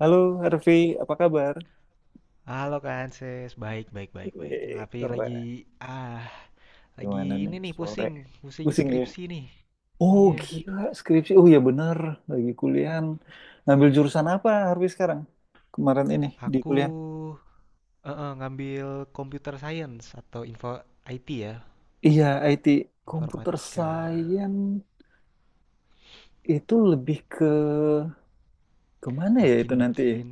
Halo Harvey, apa kabar? Halo Kak Anses, baik baik baik baik. Eh, Tapi lagi keren. ah Gimana lagi nih ini nih sore? pusing, pusing Pusing ya? skripsi nih. Oh Iya, gila, skripsi. Oh ya bener, lagi kuliahan. Ngambil jurusan apa Harvey sekarang? Kemarin ini di aku kuliah. Ngambil computer science atau info IT ya, Iya, IT. Computer informatika. Science itu lebih ke kemana ya itu nanti ya? Bikin-bikin,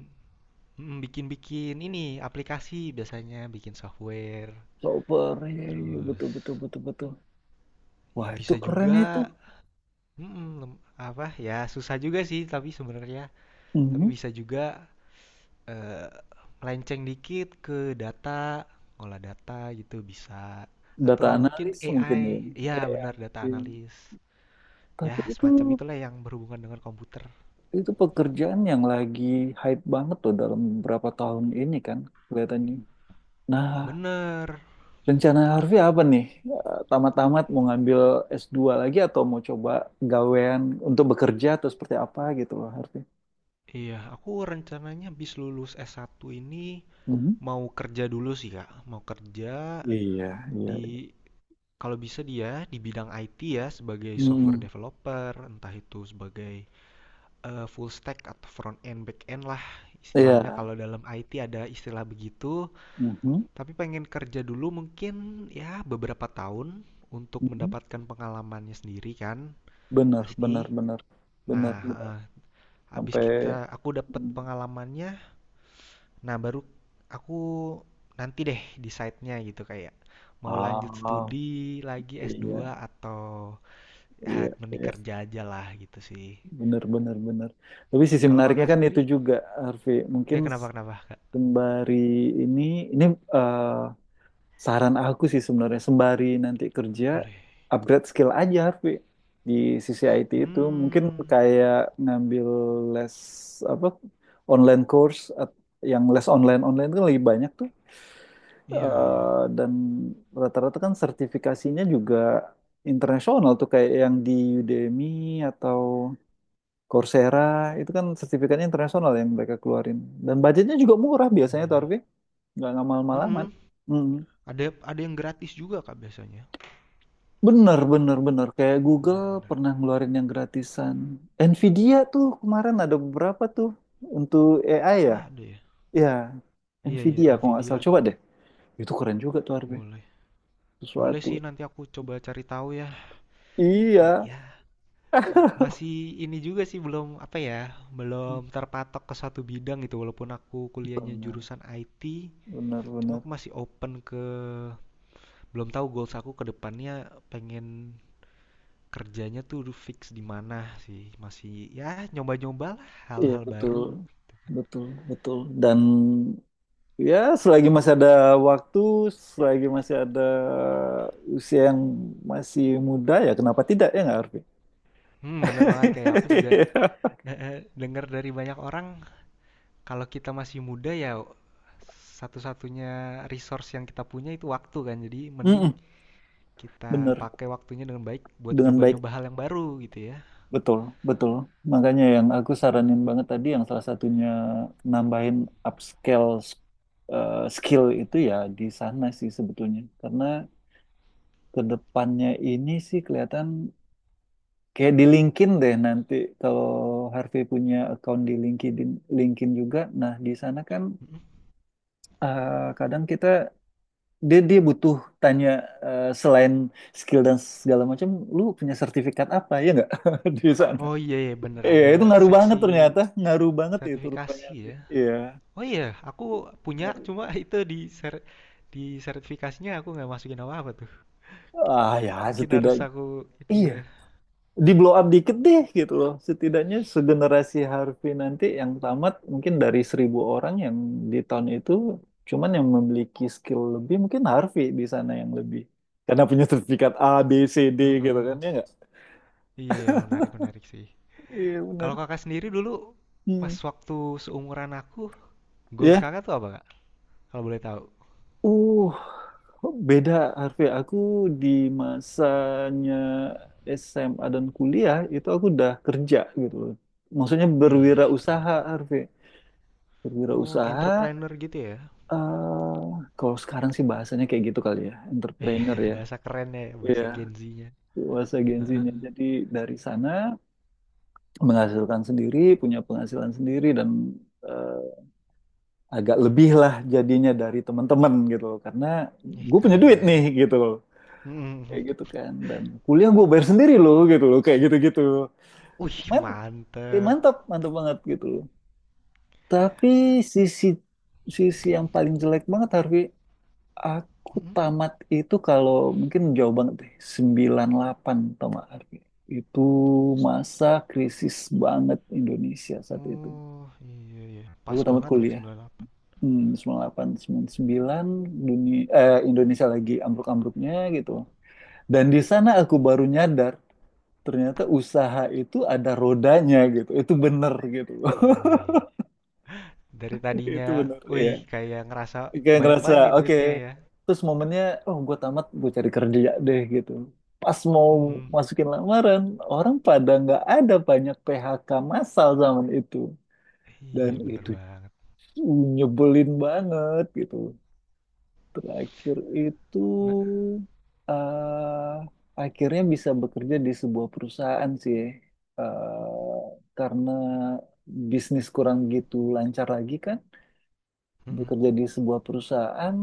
bikin-bikin ini aplikasi biasanya bikin software. Software, ya, ya, Terus betul, betul, betul, betul. ya Wah itu bisa keren juga itu. mm, lem- apa ya susah juga sih tapi sebenarnya tapi Mhm. bisa juga eee, melenceng dikit ke data, ngolah data gitu bisa, Data atau mungkin analis mungkin AI, ya. ya benar data AI. analis. Ya, Tapi semacam itulah yang berhubungan dengan komputer. itu pekerjaan yang lagi hype banget tuh dalam beberapa tahun ini kan kelihatannya. Nah, Bener. rencana Harvey apa nih? Tamat-tamat mau ngambil S2 lagi atau mau coba gawean untuk bekerja atau seperti apa gitu loh Harvey. Iya, aku rencananya habis lulus S1 ini Mhm. mau kerja dulu sih, Kak. Mau kerja Iya, iya. di kalau bisa dia di bidang IT ya sebagai software Mm-mm. developer, entah itu sebagai full stack atau front end back end lah. Iya. Istilahnya kalau dalam IT ada istilah begitu. Mhm. Tapi pengen kerja dulu mungkin ya beberapa tahun untuk Mhm. mendapatkan pengalamannya sendiri kan, Benar, benar, pasti. benar. Nah, Benar, benar. heeh, habis Sampai aku dapet Mm. pengalamannya, nah baru aku nanti deh decide-nya gitu kayak mau lanjut Ah, studi lagi S2 iya, atau ya iya, mending iya. kerja aja lah gitu sih. Benar, benar, benar. Tapi sisi Kalau menariknya kakak kan itu sendiri, juga, Harvey. Mungkin ya kenapa kenapa? sembari ini, ini eh, saran aku sih sebenarnya. Sembari nanti kerja, Boleh. upgrade skill aja, Harvey. Di sisi IT itu, mungkin Hmm. kayak ngambil les apa online yang les online online itu kan lebih banyak tuh. Iya, iya. Dan rata-rata kan sertifikasinya juga internasional tuh kayak yang di Udemy atau Coursera itu kan sertifikatnya internasional yang mereka keluarin dan budgetnya juga murah biasanya tuh Iya. Arfi nggak ngamal-mal amat. Mm-mm. Mm. Ada yang gratis juga kak biasanya. Bener bener bener kayak Google Benar-benar. pernah ngeluarin yang gratisan. Nvidia tuh kemarin ada beberapa tuh untuk AI ya ya. Wah ada ya? Iya, Iya iya Nvidia kalau nggak Nvidia salah coba deh itu keren juga tuh Arfi boleh. Boleh sih sesuatu. nanti aku coba cari tahu ya. Iya Tapi ya masih ini juga sih belum apa ya, belum terpatok ke satu bidang gitu walaupun aku kuliahnya bener jurusan IT, bener cuma bener aku masih open belum tahu goals aku ke depannya pengen kerjanya tuh fix di mana sih. Masih ya nyoba-nyoba lah iya hal-hal betul baru. betul betul dan ya, selagi masih ada waktu, selagi masih ada usia yang masih muda, ya kenapa tidak ya nggak Arfi? Hmm, bener banget kayak aku juga dengar dari banyak orang. Kalau kita masih muda ya satu-satunya resource yang kita punya itu waktu kan. Jadi mending Mm-mm, kita bener, pakai waktunya dengan baik buat dengan baik. nyoba-nyoba hal yang baru gitu ya. Betul, betul. Makanya yang aku saranin banget tadi yang salah satunya nambahin upscale skill itu ya di sana sih sebetulnya. Karena kedepannya ini sih kelihatan. Kayak di LinkedIn deh nanti kalau Harvey punya account di LinkedIn, LinkedIn juga. Nah, di sana kan Mm-mm. eh, kadang kita dia dia butuh tanya, selain skill dan segala macam, lu punya sertifikat apa ya nggak di sana? Oh iya ya bener Iya, ada itu ngaruh seksi banget ternyata, ngaruh banget itu sertifikasi rupanya. Harvey. ya. Iya, Oh iya aku punya ngaruh. cuma itu di sertifikasinya aku nggak masukin apa-apa tuh. Ah ya Mungkin harus setidaknya. aku itu Iya, ya. di blow up dikit deh gitu loh. Setidaknya segenerasi Harvey nanti yang tamat mungkin dari 1000 orang yang di tahun itu cuman yang memiliki skill lebih mungkin Harvey di sana yang lebih karena punya sertifikat A B C D gitu kan Heeh. ya nggak? Iya ya, menarik menarik sih. Iya benar. Kalau kakak sendiri dulu pas Hmm. waktu seumuran aku goals Ya. kakak tuh apa kak? Kalau boleh tahu. Uh, Beda Harvey. Aku di masanya SMA dan kuliah itu aku udah kerja gitu loh. Maksudnya Wih, keren berwirausaha kan. Harvey. Oh, Berwirausaha entrepreneur gitu ya? eh kalau sekarang sih bahasanya kayak gitu kali ya, Iya, entrepreneur ya. bahasa kerennya ya, Iya, bahasa Gen Z-nya. Bahasa agensinya. Jadi dari sana menghasilkan sendiri, punya penghasilan sendiri dan eh, agak lebih lah jadinya dari teman-teman gitu loh. Karena Ih, gue punya keren duit nih banget. gitu loh. Mm. Kayak gitu kan. Dan kuliah gue bayar sendiri loh gitu loh. Kayak gitu-gitu. Wih, Cuman mantep. mantap, mantap banget gitu loh. Tapi sisi sisi yang paling jelek banget Harvey, aku Mm. tamat itu kalau mungkin jauh banget deh, 98 tamat Arfi. Itu masa krisis banget Indonesia saat itu. Oh, iya iya. Aku Pas tamat banget ya kuliah. 98. Hmm, 98, 99, Indonesia lagi ambruk-ambruknya gitu. Dan di sana aku baru nyadar, ternyata usaha itu ada rodanya gitu. Itu bener gitu. Iya iya. Iya. Dari Itu tadinya, bener, ya. wih, kayak ngerasa Kayak banyak ngerasa, banget nih oke. duitnya ya. Terus momennya, oh gue tamat, gue cari kerja deh gitu. Pas mau Mm-mm. masukin lamaran, orang pada nggak ada banyak PHK massal zaman itu. Dan Iya, bener itu banget. nyebelin banget gitu. Terakhir itu Nah, akhirnya bisa bekerja di sebuah perusahaan sih. Eh, karena bisnis kurang gitu lancar lagi kan. mm-mm. Bekerja di sebuah perusahaan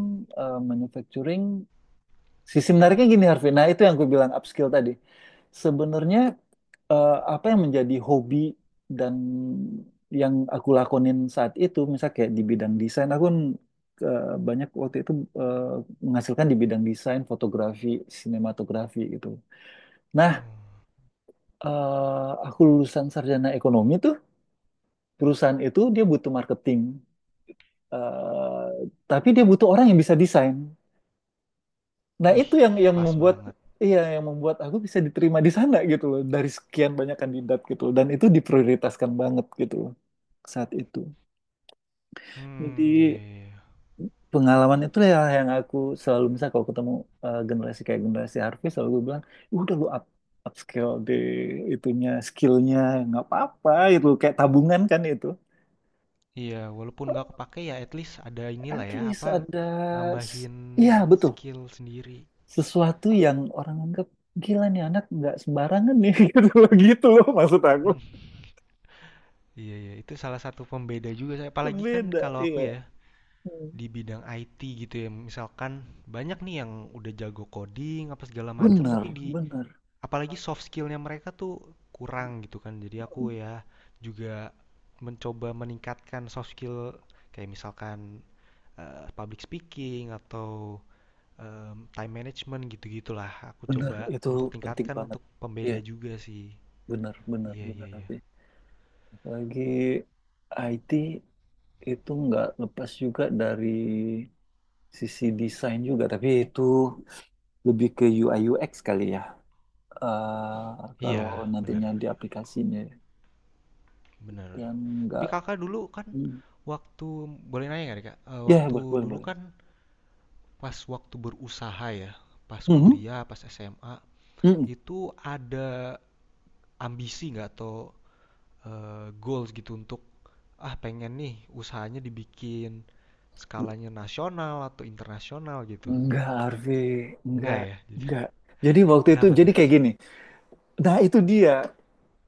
manufacturing. Sisi menariknya gini Harvey, nah itu yang gue bilang upskill tadi. Sebenarnya apa yang menjadi hobi dan yang aku lakonin saat itu, misal kayak di bidang desain, aku kan, banyak waktu itu eh, menghasilkan di bidang desain, fotografi, sinematografi gitu. Nah, Oh, aku lulusan sarjana ekonomi tuh, perusahaan itu dia butuh marketing, Eh, tapi dia butuh orang yang bisa desain. Nah, itu wih, yang pas membuat banget. iya yang membuat aku bisa diterima di sana gitu loh dari sekian banyak kandidat gitu loh. Dan itu diprioritaskan banget gitu loh saat itu. Hmm, iya, Jadi iya. Iya. pengalaman itu ya yang aku selalu misalnya kalau ketemu generasi kayak generasi Harvey selalu gue bilang, udah lu upskill di itunya skillnya nggak apa-apa itu kayak tabungan kan itu. Iya, walaupun nggak kepake ya at least ada At inilah ya, least apa, ada s- nambahin iya betul skill sendiri. sesuatu yang orang anggap gila nih anak nggak sembarangan nih gitu loh maksud aku. Iya, iya, itu salah satu pembeda juga saya. Apalagi kan Beda, kalau aku iya. ya, di bidang IT gitu ya, misalkan banyak nih yang udah jago coding apa segala macem, tapi Bener, bener. apalagi soft skillnya mereka tuh kurang gitu kan. Jadi aku ya juga mencoba meningkatkan soft skill kayak misalkan public speaking atau time management gitu-gitulah aku Bener, coba itu untuk penting tingkatkan banget. untuk Iya, pembeda juga sih. bener, bener, Iya bener. iya iya Tapi lagi IT itu nggak lepas juga dari sisi desain juga, tapi itu lebih ke UI UX kali ya. Kalau iya bener nantinya di aplikasinya ya. bener. Dan Tapi nggak, kakak dulu kan waktu boleh nanya nggak nih kak. Eh, ya waktu boleh, boleh, dulu boleh. kan pas waktu berusaha ya pas Mhm, kuliah pas SMA mhm. itu ada ambisi nggak atau goals gitu untuk pengen nih usahanya dibikin skalanya nasional atau internasional gitu Enggak, Arvi, enggak, enggak ya. enggak. Jadi waktu itu, Kenapa jadi tuh? kayak gini. Nah, itu dia.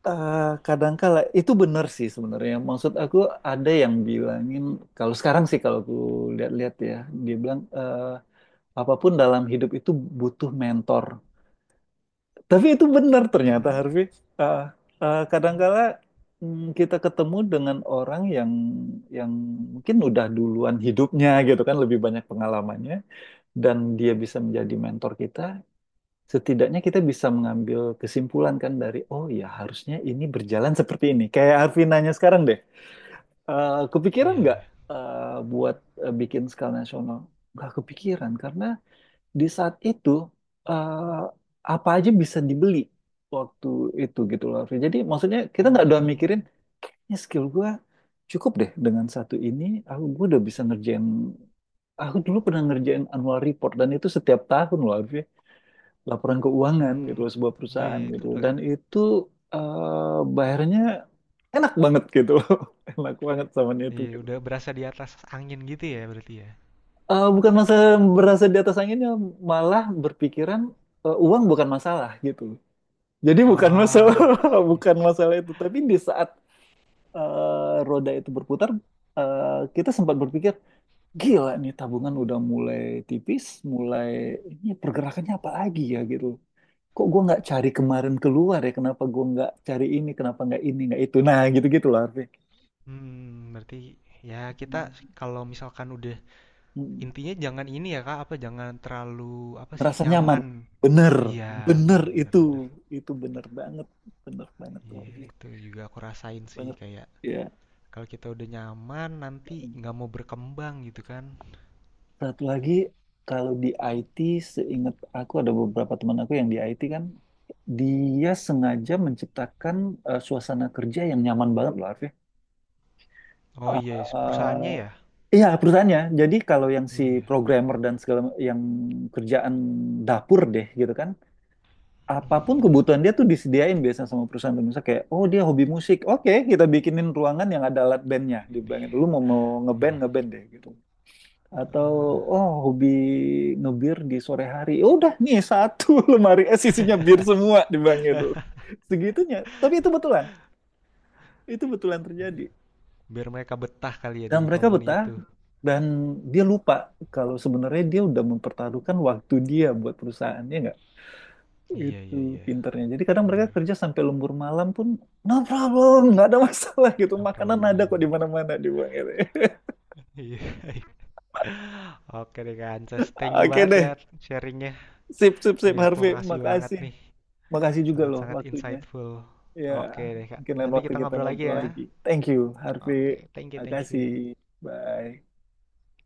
Kadangkala itu benar sih sebenarnya. Maksud aku ada yang bilangin kalau sekarang sih kalau aku lihat-lihat ya, dia bilang apapun dalam hidup itu butuh mentor. Tapi itu benar ternyata Mm-mm. Harvey. Eh Kadangkala kita ketemu dengan orang yang mungkin udah duluan hidupnya gitu kan lebih banyak pengalamannya dan dia bisa Mhm. menjadi mentor kita setidaknya kita bisa mengambil kesimpulan kan dari oh ya harusnya ini berjalan seperti ini kayak Harvey nanya sekarang deh. Kepikiran Iya nggak iya. Buat bikin skala nasional nggak kepikiran karena di saat itu eh, apa aja bisa dibeli waktu itu gitu loh Harvey jadi maksudnya kita nggak udah Oh, mikirin kayaknya skill gue cukup deh dengan satu ini gue udah bisa ngerjain aku dulu pernah ngerjain annual report dan itu setiap tahun loh Harvey laporan keuangan gitu um, loh, sebuah iya, perusahaan iya itu gitu udah, dan itu bayarnya enak banget gitu loh. Enak banget sama itu iya gitu. udah berasa di atas angin gitu ya berarti ya. Eh, bukan masalah berasa di atas anginnya malah berpikiran uang bukan masalah gitu jadi bukan masalah Ah, I see. bukan masalah itu tapi di saat roda itu berputar kita sempat berpikir gila nih tabungan udah mulai tipis mulai ini pergerakannya apa lagi ya gitu kok gue nggak cari kemarin keluar ya kenapa gue nggak cari ini kenapa nggak ini nggak itu nah gitu gitu loh Arfi. Hmm, berarti ya kita Nyaman. kalau misalkan udah Mm. intinya jangan ini ya Kak, apa jangan terlalu apa sih Merasa nyaman nyaman. bener Iya, bener benar benar benar. itu bener banget tuh Iya, Arfi itu juga aku rasain sih banget kayak ya. kalau kita udah nyaman nanti Mm. nggak mau berkembang gitu kan. Satu lagi kalau di IT seingat aku ada beberapa teman aku yang di IT kan dia sengaja menciptakan suasana kerja yang nyaman banget loh Arfi. Oh iya, Eh, perusahaannya ya. iya, perusahaannya. Jadi kalau yang si Iya iya. programmer dan segala yang kerjaan dapur deh gitu kan, apapun kebutuhan dia tuh disediain biasanya sama perusahaan tuh. Misalnya kayak, oh dia hobi musik, oke kita bikinin ruangan yang ada alat bandnya. Dibilangin, mau ngeband, Iya. ngeband deh gitu. Atau, Heeh. oh hobi ngebir di sore hari, "Ya udah nih satu lemari es isinya bir semua", dibilang gitu. Segitunya, tapi itu betulan. Itu betulan terjadi. Biar mereka betah kali ya Dan di mereka company betah itu. dan dia lupa kalau sebenarnya dia udah mempertaruhkan waktu dia buat perusahaannya nggak? Iya Itu iya iya, pinternya. Jadi kadang mereka benar. kerja sampai lembur malam pun no problem, nggak ada masalah gitu. No Makanan ada kok di problem. mana-mana dia bilang gitu. Iya. Oke deh kak ances thank you Oke banget deh, ya sharingnya. sip sip sip Nih aku Harvey, makasih banget makasih. nih, Makasih juga loh sangat-sangat waktunya. insightful. Ya, Oke deh Kak, mungkin lain nanti waktu kita kita ngobrol lagi ngobrol ya. lagi. Thank you Harvey. Oke, thank you thank Makasih. you. Bye.